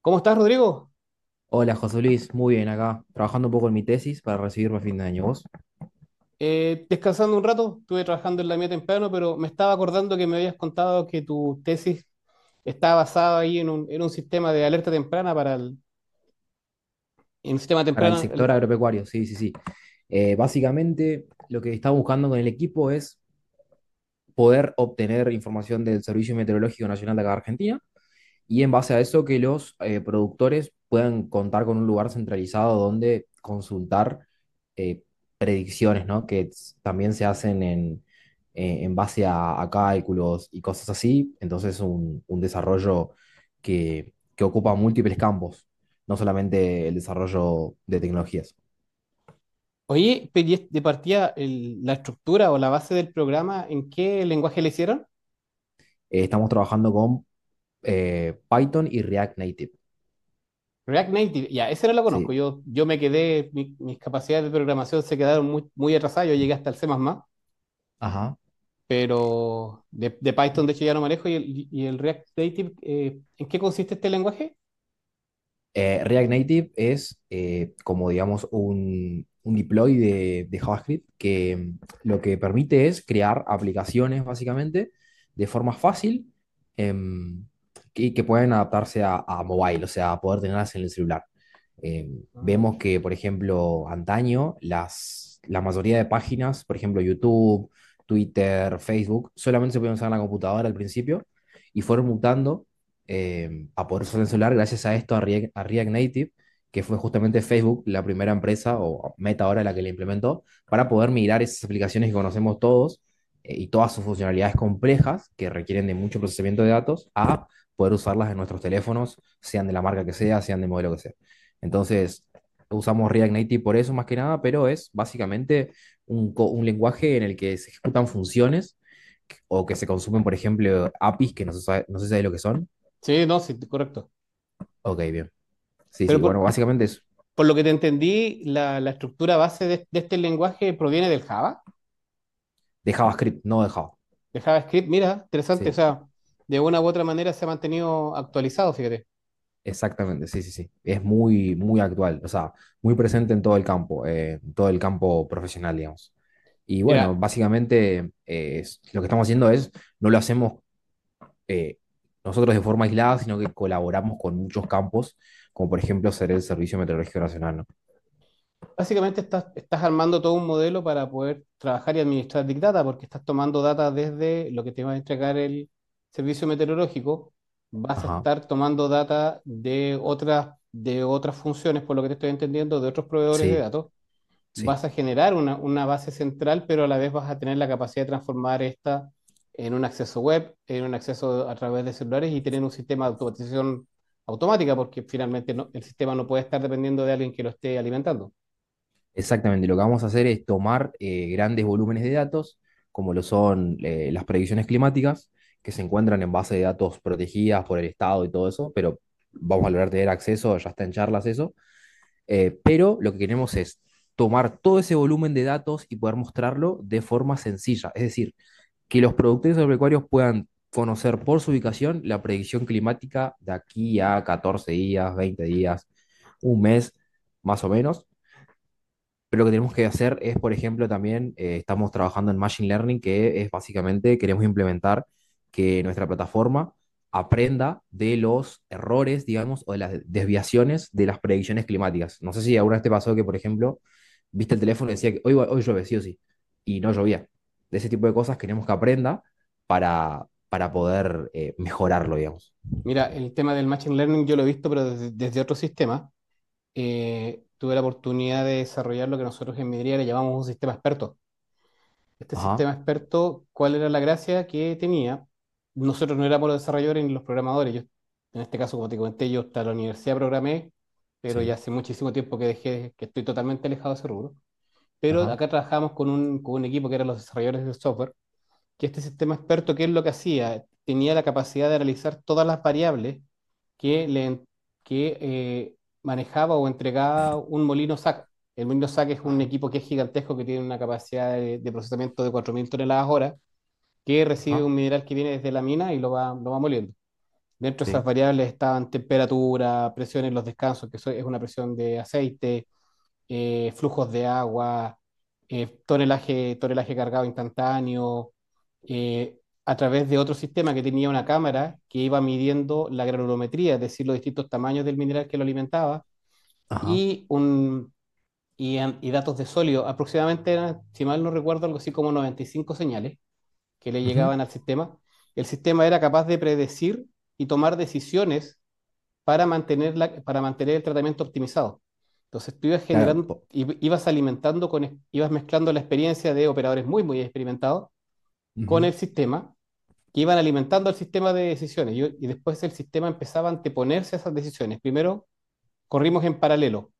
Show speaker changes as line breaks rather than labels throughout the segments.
¿Cómo estás, Rodrigo?
Hola José Luis, muy bien acá, trabajando un poco en mi tesis para recibirme a fin de año. ¿Vos?
Descansando un rato, estuve trabajando en la mía temprano, pero me estaba acordando que me habías contado que tu tesis está basada ahí en un sistema de alerta temprana en un sistema
Para el
temprano.
sector agropecuario, sí, sí, sí. Básicamente, lo que estaba buscando con el equipo es poder obtener información del Servicio Meteorológico Nacional de acá de Argentina. Y en base a eso, que los productores puedan contar con un lugar centralizado donde consultar eh, predicciones, ¿no? Que también se hacen en base a cálculos y cosas así. Entonces, un desarrollo que ocupa múltiples campos, no solamente el desarrollo de tecnologías.
Oye, pero y de partida, la estructura o la base del programa, ¿en qué lenguaje le hicieron?
Estamos trabajando con Python y React Native.
React Native, ya, ese no lo conozco.
Sí.
Yo me quedé, mis capacidades de programación se quedaron muy, muy atrasadas. Yo llegué hasta el C++,
Ajá.
pero de Python, de hecho, ya no manejo. ¿Y el React Native, en qué consiste este lenguaje?
React Native es como, digamos, un deploy de JavaScript que lo que permite es crear aplicaciones, básicamente, de forma fácil, em, y que pueden adaptarse a mobile, o sea, a poder tenerlas en el celular.
Ah,
Vemos que,
perfecto.
por ejemplo, antaño, la mayoría de páginas, por ejemplo, YouTube, Twitter, Facebook, solamente se podían usar en la computadora al principio y fueron mutando a poder usar el celular gracias a esto, a React Native, que fue justamente Facebook la primera empresa o meta ahora la que la implementó, para poder migrar esas aplicaciones que conocemos todos, y todas sus funcionalidades complejas que requieren de mucho procesamiento de datos a poder usarlas en nuestros teléfonos, sean de la marca que sea, sean de modelo que sea. Entonces, usamos React Native por eso más que nada, pero es básicamente un lenguaje en el que se ejecutan funciones o que se consumen, por ejemplo, APIs que no se sabe lo que son.
Sí, no, sí, correcto.
Ok, bien. Sí, sí.
Pero
Bueno,
por,
básicamente es
por lo que te entendí, la estructura base de este lenguaje proviene del Java,
de JavaScript, no de Java.
de JavaScript. Mira, interesante, o
Sí,
sea, de una u otra manera se ha mantenido actualizado, fíjate.
exactamente. Sí, sí, sí. Es muy, muy actual. O sea, muy presente en todo el campo, en todo el campo profesional, digamos. Y bueno,
Mira,
básicamente lo que estamos haciendo es, no lo hacemos eh, nosotros de forma aislada, sino que colaboramos con muchos campos, como por ejemplo ser el Servicio Meteorológico Nacional, ¿no?
básicamente estás armando todo un modelo para poder trabajar y administrar Big Data, porque estás tomando data desde lo que te va a entregar el servicio meteorológico, vas a
Ajá.
estar tomando data de otras funciones, por lo que te estoy entendiendo, de otros proveedores de
Sí,
datos
sí.
vas a generar una base central, pero a la vez vas a tener la capacidad de transformar esta en un acceso web, en un acceso a través de celulares y tener un sistema de automatización automática, porque finalmente no, el sistema no puede estar dependiendo de alguien que lo esté alimentando.
Exactamente, lo que vamos a hacer es tomar grandes volúmenes de datos, como lo son las predicciones climáticas, que se encuentran en base de datos protegidas por el Estado y todo eso, pero vamos a lograr tener acceso, ya está en charlas eso. Pero lo que queremos es tomar todo ese volumen de datos y poder mostrarlo de forma sencilla, es decir, que los productores agropecuarios puedan conocer por su ubicación la predicción climática de aquí a 14 días, 20 días, un mes, más o menos. Pero lo que tenemos que hacer es, por ejemplo, también estamos trabajando en Machine Learning, que es básicamente queremos implementar que nuestra plataforma aprenda de los errores, digamos, o de las desviaciones de las predicciones climáticas. No sé si alguna vez te pasó que, por ejemplo, viste el teléfono y decía que hoy llueve, sí o sí, y no llovía. De ese tipo de cosas queremos que aprenda para, poder mejorarlo, digamos.
Mira, el tema del Machine Learning yo lo he visto, pero desde otro sistema. Tuve la oportunidad de desarrollar lo que nosotros en Midria le llamamos un sistema experto. Este
Ajá,
sistema experto, ¿cuál era la gracia que tenía? Nosotros no éramos los desarrolladores ni los programadores. Yo, en este caso, como te comenté, yo hasta la universidad programé, pero ya
sí,
hace muchísimo tiempo que dejé, que estoy totalmente alejado de ese rubro. Pero
ajá,
acá trabajamos con un equipo que eran los desarrolladores del software, que este sistema experto, ¿qué es lo que hacía? Tenía la capacidad de analizar todas las variables que, le, en- que manejaba o entregaba un molino SAC. El molino SAC es un
ajá,
equipo que es gigantesco, que tiene una capacidad de procesamiento de 4.000 toneladas hora, que recibe
ajá,
un mineral que viene desde la mina y lo va moliendo. Dentro de esas
sí,
variables estaban temperatura, presión en los descansos, que eso es una presión de aceite, flujos de agua, tonelaje cargado instantáneo, eh, a través de otro sistema que tenía una cámara que iba midiendo la granulometría, es decir, los distintos tamaños del mineral que lo alimentaba,
ajá.
y, un, y datos de sólido. Aproximadamente, eran, si mal no recuerdo, algo así como 95 señales que le
Ujú,
llegaban al sistema. El sistema era capaz de predecir y tomar decisiones para mantener el tratamiento optimizado. Entonces tú ibas
claro,
generando, ibas alimentando con, ibas mezclando la experiencia de operadores muy, muy experimentados con
ujú,
el sistema, que iban alimentando el sistema de decisiones. Y después el sistema empezaba a anteponerse a esas decisiones. Primero corrimos en paralelo,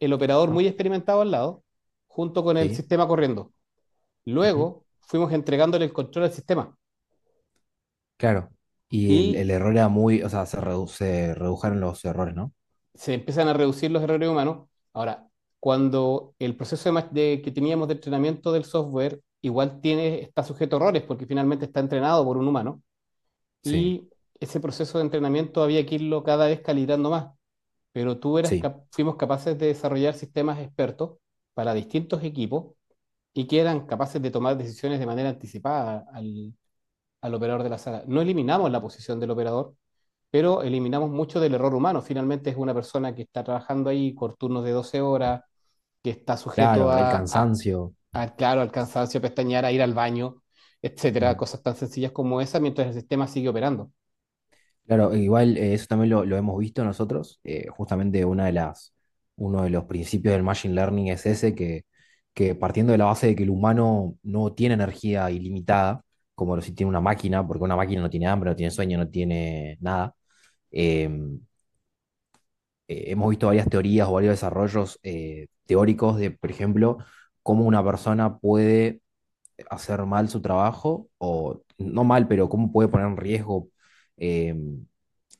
el operador
ajá.
muy experimentado al lado, junto con el
Sí,
sistema corriendo.
ujú,
Luego fuimos entregándole el control al sistema.
claro. Y el,
Y
el error era o sea, se redujeron los errores, ¿no?
se empiezan a reducir los errores humanos. Ahora, cuando el proceso que teníamos de entrenamiento del software igual tiene, está sujeto a errores porque finalmente está entrenado por un humano
Sí,
y ese proceso de entrenamiento había que irlo cada vez calibrando más, pero
sí.
fuimos capaces de desarrollar sistemas expertos para distintos equipos y que eran capaces de tomar decisiones de manera anticipada al, operador de la sala. No eliminamos la posición del operador, pero eliminamos mucho del error humano. Finalmente es una persona que está trabajando ahí por turnos de 12 horas, que está sujeto
Claro, el
a, a,
cansancio.
a claro, al cansancio, a pestañear, a ir al baño, etcétera,
Ujú.
cosas tan sencillas como esa, mientras el sistema sigue operando.
Claro, igual, eso también lo hemos visto nosotros. Justamente uno de los principios del machine learning es ese, que partiendo de la base de que el humano no tiene energía ilimitada, como lo si tiene una máquina, porque una máquina no tiene hambre, no tiene sueño, no tiene nada. em, Hemos visto varias teorías o varios desarrollos teóricos de, por ejemplo, cómo una persona puede hacer mal su trabajo, o no mal, pero cómo puede poner en riesgo eh,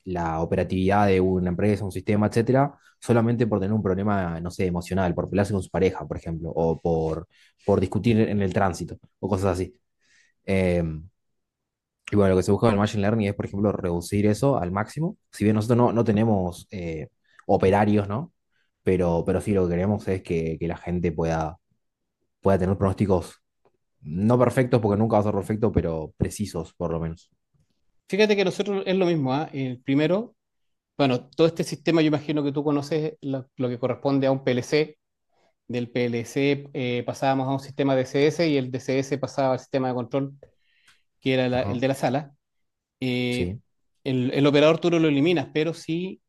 la operatividad de una empresa, un sistema, etcétera, solamente por tener un problema, no sé, emocional, por pelearse con su pareja, por ejemplo, o por discutir en el tránsito, o cosas así. Eh, y bueno, lo que se busca con el Machine Learning es, por ejemplo, reducir eso al máximo. Si bien nosotros no tenemos operarios, ¿no? Pero sí lo que queremos es que la gente pueda tener pronósticos no perfectos, porque nunca va a ser perfecto, pero precisos, por lo menos.
Fíjate que nosotros es lo mismo, ¿ah? El primero, bueno, todo este sistema, yo imagino que tú conoces lo que corresponde a un PLC. Del PLC pasábamos a un sistema DCS y el DCS pasaba al sistema de control, que era el
Ajá,
de la sala. eh,
sí,
el operador tú no lo eliminas, pero sí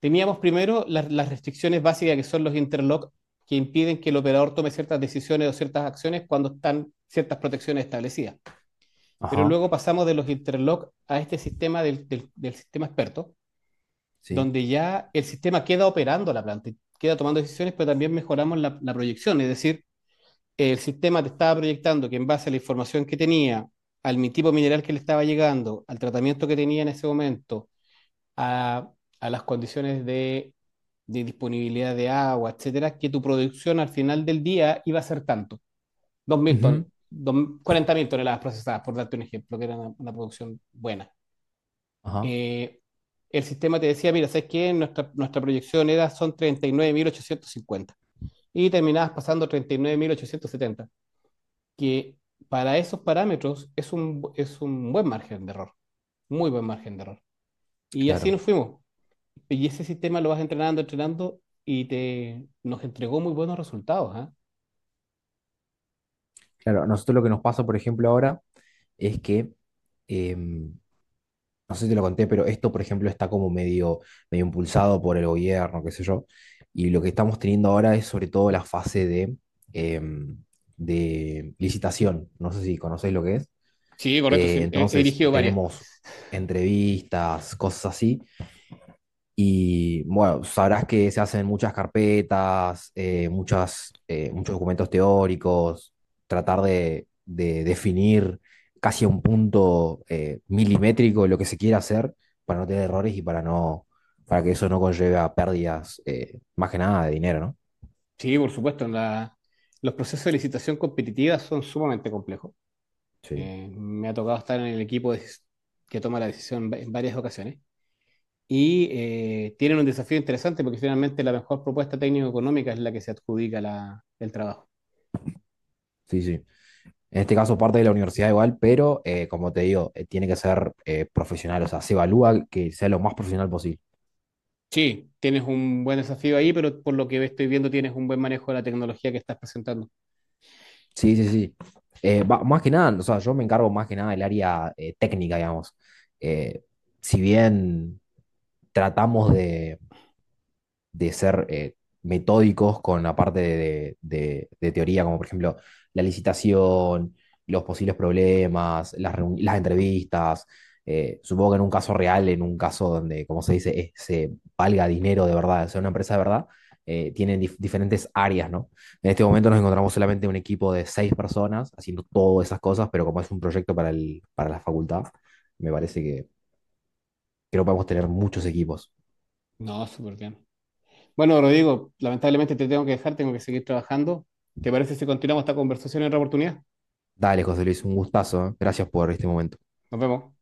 teníamos primero las restricciones básicas que son los interlock que impiden que el operador tome ciertas decisiones o ciertas acciones cuando están ciertas protecciones establecidas. Pero
ajá,
luego pasamos de los interlock a este sistema del sistema experto,
sí.
donde ya el sistema queda operando la planta, queda tomando decisiones, pero también mejoramos la proyección. Es decir, el sistema te estaba proyectando que en base a la información que tenía, al tipo mineral que le estaba llegando, al tratamiento que tenía en ese momento, a, a las condiciones de disponibilidad de agua, etcétera, que tu producción al final del día iba a ser tanto, dos mil
Ujú,
ton, dos, 40.000 toneladas procesadas, por darte un ejemplo, que era una producción buena.
ajá,
Eh, el sistema te decía, mira, ¿sabes qué? Nuestra proyección era, son 39.850 y 9.850 y terminabas pasando 39.870, que para esos parámetros es un, buen margen de error, muy buen margen de error. Y así
claro,
nos fuimos. Y ese sistema lo vas entrenando, entrenando y nos entregó muy buenos resultados. ¿Ah?
claro. A nosotros lo que nos pasa, por ejemplo, ahora es que, em, no sé si te lo conté, pero esto, por ejemplo, está como medio, medio impulsado por el gobierno, qué sé yo. Y lo que estamos teniendo ahora es sobre todo la fase em, de licitación. No sé si conocéis lo que es.
Sí, correcto, sí, he
Entonces,
dirigido varias.
tenemos entrevistas, cosas así, y bueno, sabrás que se hacen muchas carpetas, muchos documentos teóricos, tratar de definir casi a un punto milimétrico lo que se quiere hacer para no tener errores y para que eso no conlleve a pérdidas, más que nada de dinero, ¿no?
Sí, por supuesto, los procesos de licitación competitiva son sumamente complejos.
Sí,
Me ha tocado estar en el equipo que toma la decisión en varias ocasiones. Y tienen un desafío interesante porque finalmente la mejor propuesta técnico-económica es la que se adjudica el trabajo.
sí, sí. En este caso parte de la universidad igual, pero como te digo, tiene que ser profesional, o sea, se evalúa que sea lo más profesional posible.
Sí, tienes un buen desafío ahí, pero por lo que estoy viendo tienes un buen manejo de la tecnología que estás presentando.
Sí, sí, sí. Más que nada, o sea, yo me encargo más que nada del área técnica, digamos. Eh, si bien tratamos de ser metódicos con la parte de teoría, como por ejemplo la licitación, los posibles problemas, las entrevistas. Supongo que en un caso real, en un caso donde, como se dice, se valga dinero de verdad, sea una empresa de verdad, tienen diferentes áreas, ¿no? En este momento nos encontramos solamente un equipo de seis personas haciendo todas esas cosas, pero como es un proyecto para para la facultad, me parece que creo que podemos tener muchos equipos.
No, súper bien. Bueno, Rodrigo, lamentablemente te tengo que dejar, tengo que seguir trabajando. ¿Te parece si continuamos esta conversación en otra oportunidad?
Dale, José Luis, un gustazo, ¿eh? Gracias por este momento.
Nos vemos.